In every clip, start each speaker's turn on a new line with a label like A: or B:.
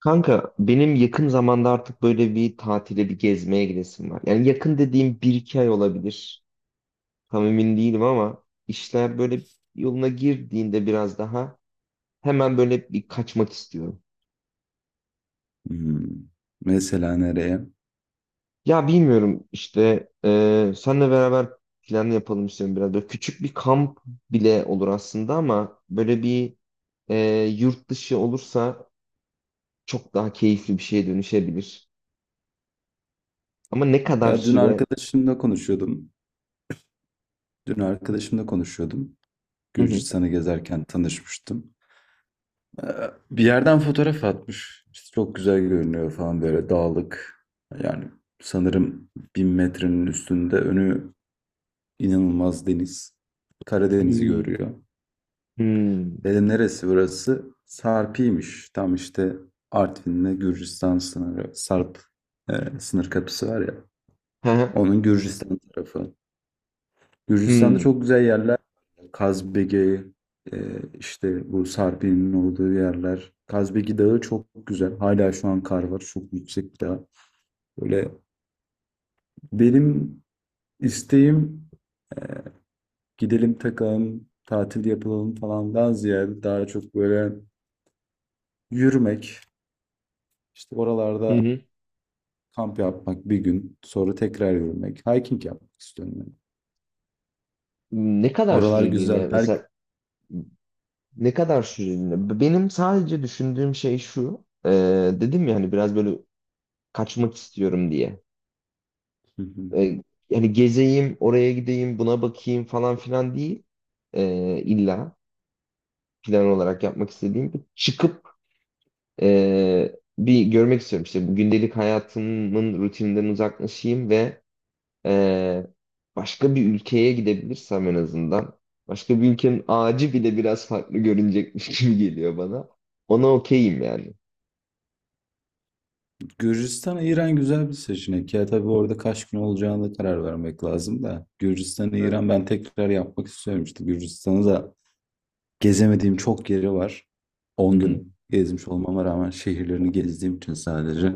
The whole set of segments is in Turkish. A: Kanka benim yakın zamanda artık böyle bir tatile bir gezmeye gidesim var. Yani yakın dediğim bir iki ay olabilir. Tam emin değilim ama işler böyle yoluna girdiğinde biraz daha hemen böyle bir kaçmak istiyorum.
B: Hmm. Mesela nereye?
A: Ya bilmiyorum işte senle beraber plan yapalım istiyorum biraz. Böyle küçük bir kamp bile olur aslında ama böyle bir e, yurt dışı olursa çok daha keyifli bir şeye dönüşebilir. Ama ne kadar
B: Ya dün
A: süre...
B: arkadaşımla konuşuyordum. Dün arkadaşımla konuşuyordum.
A: Hı hı.
B: Gürcistan'ı gezerken tanışmıştım. Ee, Bir yerden fotoğraf atmış. İşte çok güzel görünüyor falan böyle dağlık. Yani sanırım 1000 metrenin üstünde önü inanılmaz deniz. Karadeniz'i
A: Hmm.
B: görüyor.
A: Hmm.
B: Dedim neresi burası? Sarpi'ymiş. Tam işte Artvin'le Gürcistan sınırı. Sarp sınır kapısı var ya.
A: Hı hı.
B: Onun Gürcistan tarafı. Gürcistan'da
A: Hmm.
B: çok güzel yerler var. Yani Kazbege, e, işte bu Sarpi'nin olduğu yerler. Kazbegi Dağı çok güzel. Hala şu an kar var. Çok yüksek bir dağ. Böyle benim isteğim, e, gidelim takalım, tatil yapılalım falandan ziyade daha çok böyle yürümek, işte
A: Hı
B: oralarda
A: hı.
B: kamp yapmak bir gün, sonra tekrar yürümek, hiking yapmak istiyorum ben.
A: Ne kadar
B: Oralar güzel.
A: süreliğine
B: Belki...
A: mesela, ne kadar süreliğine? Benim sadece düşündüğüm şey şu. Dedim ya hani biraz böyle kaçmak istiyorum diye. E, Yani gezeyim, oraya gideyim, buna bakayım falan filan değil. E, illa plan olarak yapmak istediğim bir çıkıp bir görmek istiyorum. İşte bu gündelik hayatımın rutininden uzaklaşayım ve Ee, başka bir ülkeye gidebilirsem en azından. Başka bir ülkenin ağacı bile biraz farklı görünecekmiş gibi geliyor bana. Ona okeyim yani.
B: Gürcistan, İran güzel bir seçenek. Ya tabii orada kaç gün olacağına da karar vermek lazım da. Gürcistan,
A: Evet.
B: İran ben tekrar yapmak istiyorum. İşte Gürcistan'ı da gezemediğim çok yeri var.
A: Hı
B: On
A: hı.
B: gün gezmiş olmama rağmen şehirlerini gezdiğim için sadece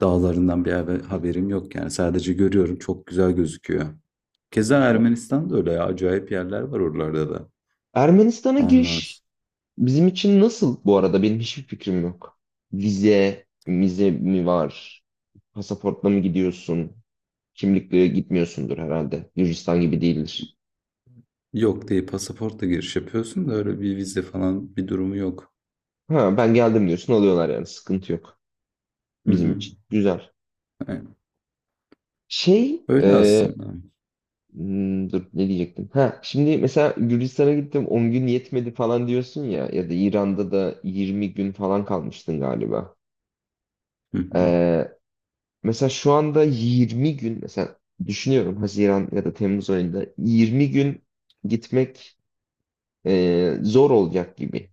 B: dağlarından bir haberim yok. Yani sadece görüyorum, çok güzel gözüküyor. Keza Ermenistan da öyle ya. Acayip yerler var oralarda da.
A: Ermenistan'a
B: Ondan
A: giriş
B: s-
A: bizim için nasıl bu arada? Benim hiçbir fikrim yok. Vize mi var? Pasaportla mı gidiyorsun? Kimlikle gitmiyorsundur herhalde. Gürcistan gibi değildir.
B: Yok diye pasaportla giriş yapıyorsun da öyle bir vize falan bir durumu yok.
A: Ha, ben geldim diyorsun alıyorlar yani sıkıntı yok
B: Hı
A: bizim
B: hı.
A: için. Güzel.
B: Yani
A: Şey, e,
B: öyle aslında.
A: Dur ne diyecektim? Ha, şimdi mesela Gürcistan'a gittim 10 gün yetmedi falan diyorsun ya ya da İran'da da 20 gün falan kalmıştın galiba.
B: Hı hı.
A: Ee, Mesela şu anda 20 gün mesela düşünüyorum, Haziran ya da Temmuz ayında 20 gün gitmek zor olacak gibi.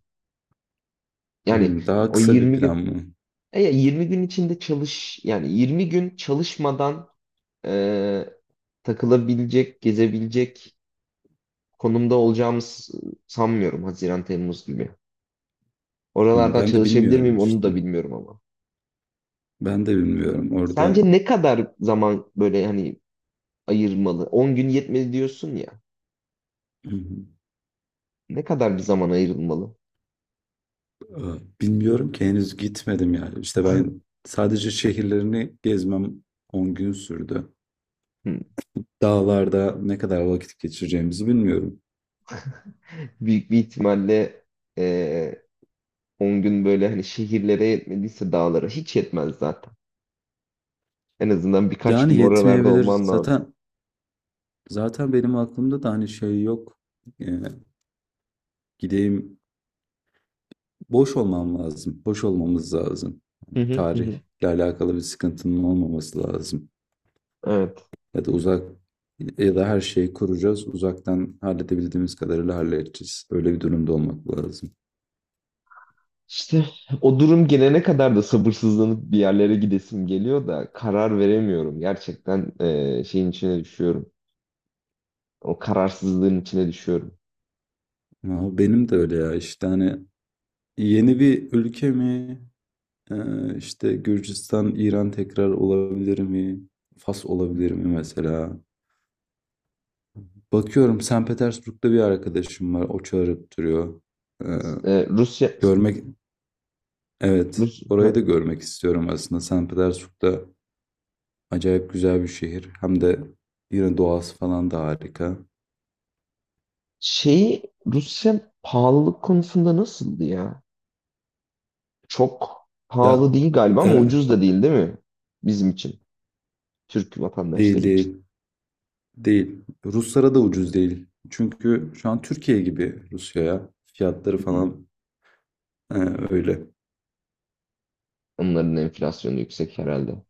A: Yani
B: Hımm, daha
A: o
B: kısa bir
A: 20
B: plan
A: gün
B: mı?
A: ya 20 gün içinde çalış yani 20 gün çalışmadan e, takılabilecek, gezebilecek konumda olacağımı sanmıyorum Haziran Temmuz gibi.
B: Hımm,
A: Oralardan
B: ben de
A: çalışabilir
B: bilmiyorum
A: miyim onu
B: işte.
A: da bilmiyorum ama.
B: Ben de bilmiyorum orada.
A: Sence ne kadar zaman böyle hani ayırmalı? 10 gün yetmedi diyorsun ya.
B: Hı hı.
A: Ne kadar bir zaman ayrılmalı?
B: Aaa, bilmiyorum ki henüz gitmedim yani. İşte ben sadece şehirlerini gezmem 10 gün sürdü.
A: Hmm.
B: Dağlarda ne kadar vakit geçireceğimizi bilmiyorum.
A: Büyük bir ihtimalle eee 10 gün, böyle hani şehirlere yetmediyse dağlara hiç yetmez zaten. En azından birkaç
B: Yani
A: gün oralarda
B: yetmeyebilir.
A: olman lazım.
B: Zaten benim aklımda da hani şey yok. Eee, gideyim, boş olmam lazım. Boş olmamız lazım.
A: Hı
B: Hani
A: hı hı, hı.
B: tarihle alakalı bir sıkıntının olmaması lazım.
A: Evet.
B: Ya da uzak, ya da her şeyi kuracağız. Uzaktan halledebildiğimiz kadarıyla halledeceğiz. Öyle bir durumda olmak lazım.
A: İşte o durum gelene kadar da sabırsızlanıp bir yerlere gidesim geliyor da karar veremiyorum. Gerçekten şeyin içine düşüyorum. O kararsızlığın içine düşüyorum.
B: Ama benim de öyle ya işte hani yeni bir ülke mi? İşte Gürcistan, İran tekrar olabilir mi? Fas olabilir mi mesela? Bakıyorum, St. Petersburg'da bir arkadaşım var. O çağırıp duruyor. Ee,
A: Rusya.
B: görmek, evet.
A: Rus,
B: Orayı
A: ha.
B: da görmek istiyorum aslında. St. Petersburg'da acayip güzel bir şehir. Hem de yine doğası falan da harika.
A: Rusya pahalılık konusunda nasıldı ya? Çok
B: Ya
A: pahalı değil galiba ama
B: evet,
A: ucuz da değil, değil mi? Bizim için. Türk
B: değil
A: vatandaşları için.
B: değil. Değil. Ruslara da ucuz değil. Çünkü şu an Türkiye gibi Rusya'ya. Fiyatları
A: Hı.
B: falan e, öyle.
A: Onların enflasyonu yüksek herhalde.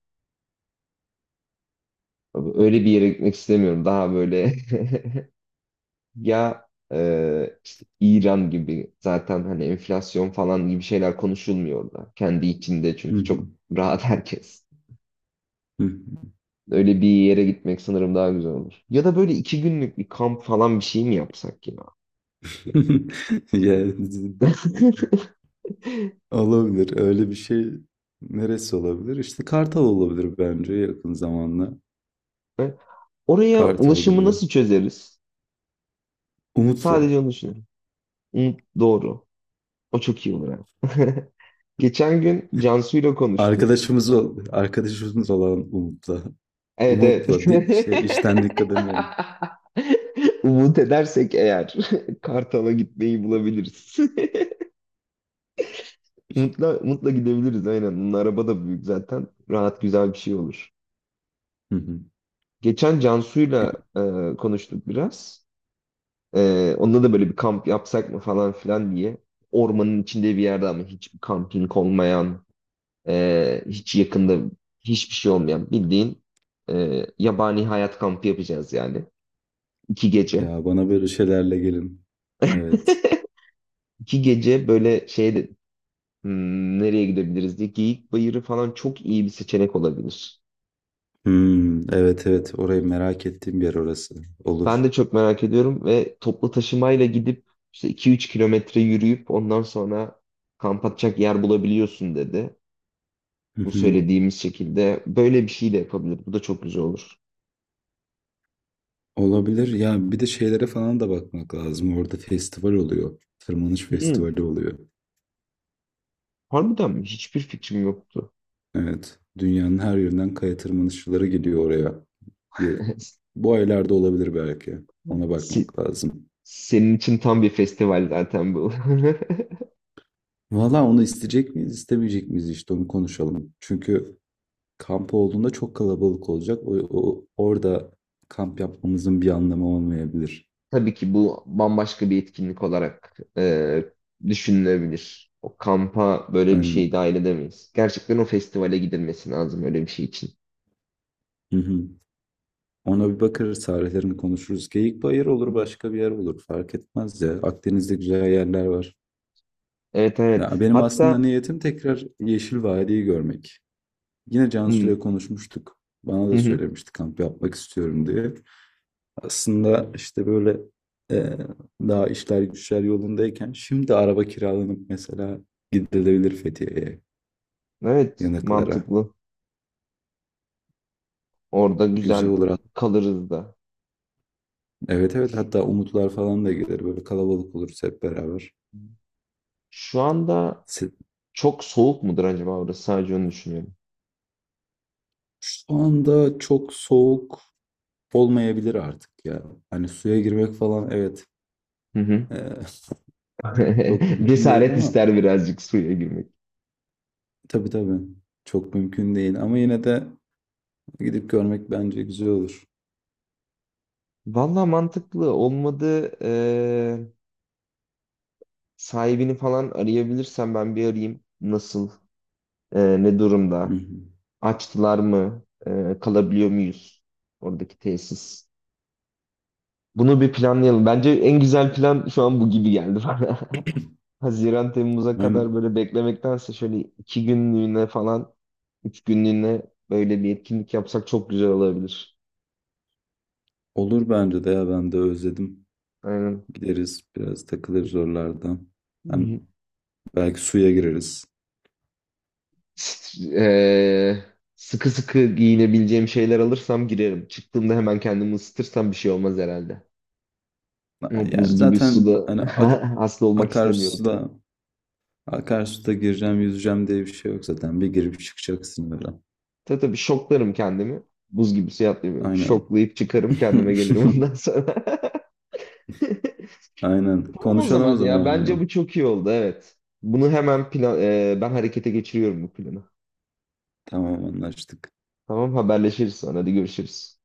A: Abi, öyle bir yere gitmek istemiyorum. Daha böyle ya işte İran gibi zaten hani enflasyon falan gibi şeyler konuşulmuyor orada. Kendi içinde çünkü çok rahat herkes. Öyle bir yere gitmek sanırım daha güzel olur. Ya da böyle iki günlük bir kamp falan bir şey mi yapsak ya?
B: Ya,
A: He?
B: olabilir. Öyle bir şey, neresi olabilir? İşte Kartal olabilir bence yakın zamanda.
A: Oraya
B: Kartal
A: ulaşımı
B: Gölü.
A: nasıl çözeriz?
B: Umut'la.
A: Sadece onu düşünüyorum. Hı, doğru. O çok iyi olur ha. Geçen gün Cansu ile konuştuk.
B: Arkadaşımız olan Umut'la.
A: Evet, evet.
B: Şey, işten dikkat demiyorum.
A: Umut edersek eğer Kartal'a gitmeyi bulabiliriz. Mutla, mutla gidebiliriz aynen. Bunun araba da büyük zaten. Rahat, güzel bir şey olur.
B: Hı hı.
A: Geçen Cansu'yla e, konuştuk biraz. Onda da böyle bir kamp yapsak mı falan filan diye. Ormanın içinde bir yerde ama hiçbir kamping olmayan, hiç yakında hiçbir şey olmayan, bildiğin yabani hayat kampı yapacağız yani. İki gece.
B: Ya bana böyle şeylerle gelin. Evet.
A: İki gece böyle şey de, nereye gidebiliriz diye, Geyik Bayırı falan çok iyi bir seçenek olabilir.
B: Hmm, evet evet, orayı merak ettiğim bir yer orası. Olur.
A: Ben de çok merak ediyorum ve toplu taşımayla gidip işte 2-3 kilometre yürüyüp ondan sonra kamp atacak yer bulabiliyorsun dedi.
B: Hı
A: Bu
B: hı.
A: söylediğimiz şekilde böyle bir şey de yapabilir. Bu da çok güzel olur.
B: Olabilir. Ya bir de şeylere falan da bakmak lazım. Orada festival oluyor. Tırmanış
A: Hmm,
B: festivali oluyor.
A: harbiden mi? Hiçbir fikrim yoktu.
B: Evet. Dünyanın her yerinden kaya tırmanışçıları geliyor oraya. Ya- bu aylarda olabilir belki. Ona
A: Se-
B: bakmak lazım.
A: Senin için tam bir festival zaten bu.
B: Valla onu isteyecek miyiz, istemeyecek miyiz, işte onu konuşalım. Çünkü kamp olduğunda çok kalabalık olacak. O, orada kamp yapmamızın bir anlamı olmayabilir.
A: Tabii ki bu bambaşka bir etkinlik olarak düşünülebilir. O kampa böyle bir şey
B: Aynen.
A: dahil edemeyiz. Gerçekten o festivale gidilmesi lazım öyle bir şey için.
B: Hı hı. Ona bir bakarız, tarihlerini konuşuruz. Geyikbayır
A: Hı
B: olur,
A: hı.
B: başka bir yer olur. Fark etmez ya. Akdeniz'de güzel yerler var.
A: Evet,
B: Ya
A: evet.
B: benim aslında
A: Hatta
B: niyetim tekrar Yeşil Vadi'yi görmek. Yine
A: hmm,
B: Cansu'yla konuşmuştuk. Bana da
A: hı hı.
B: söylemişti kamp yapmak istiyorum diye. Aslında işte böyle, e, daha işler güçler yolundayken şimdi araba kiralanıp mesela gidilebilir Fethiye'ye,
A: Evet,
B: yanıklara.
A: mantıklı. Orada
B: Güzel
A: güzel
B: olur.
A: kalırız da.
B: Evet evet, hatta Umutlar falan da gelir. Böyle kalabalık oluruz hep beraber.
A: Şu anda
B: Se-
A: çok soğuk mudur acaba orası? Sadece onu düşünüyorum.
B: şu anda çok soğuk olmayabilir artık ya. Hani suya girmek falan, evet,
A: Hı hı.
B: e, çok mümkün değil
A: Cesaret
B: ama
A: ister birazcık suya girmek.
B: tabii tabii çok mümkün değil. Ama yine de gidip görmek bence güzel olur.
A: Valla mantıklı. Olmadı sahibini falan arayabilirsem ben bir arayayım. Nasıl? Ne
B: Hı
A: durumda?
B: hı.
A: Açtılar mı? Kalabiliyor muyuz? Oradaki tesis. Bunu bir planlayalım. Bence en güzel plan şu an bu gibi geldi bana. Haziran Temmuz'a kadar
B: Aynen.
A: böyle beklemektense şöyle iki günlüğüne falan, üç günlüğüne böyle bir etkinlik yapsak çok güzel olabilir.
B: Olur bence de ya, ben de özledim.
A: Aynen.
B: Gideriz, biraz takılırız oralarda. Hani
A: Hı.
B: belki suya gireriz.
A: S- eee, sıkı sıkı giyinebileceğim şeyler alırsam girerim. Çıktığımda hemen kendimi ısıtırsam bir şey olmaz herhalde. Ama
B: Yani
A: buz gibi
B: zaten
A: suda
B: hani ak
A: hasta olmak istemiyorum.
B: akarsuda gireceğim yüzeceğim diye bir şey yok zaten. Bir girip çıkacaksın öyle.
A: Tabii, tabii, şoklarım kendimi. Buz gibi suya atlayayım.
B: Aynen.
A: Şoklayıp çıkarım, kendime gelirim ondan sonra.
B: Aynen.
A: Tamam o
B: Konuşalım o
A: zaman
B: zaman
A: ya. Bence
B: bunu.
A: bu çok iyi oldu. Evet. Bunu hemen ben harekete geçiriyorum bu planı.
B: Tamam, anlaştık.
A: Tamam, haberleşiriz sonra. Hadi görüşürüz.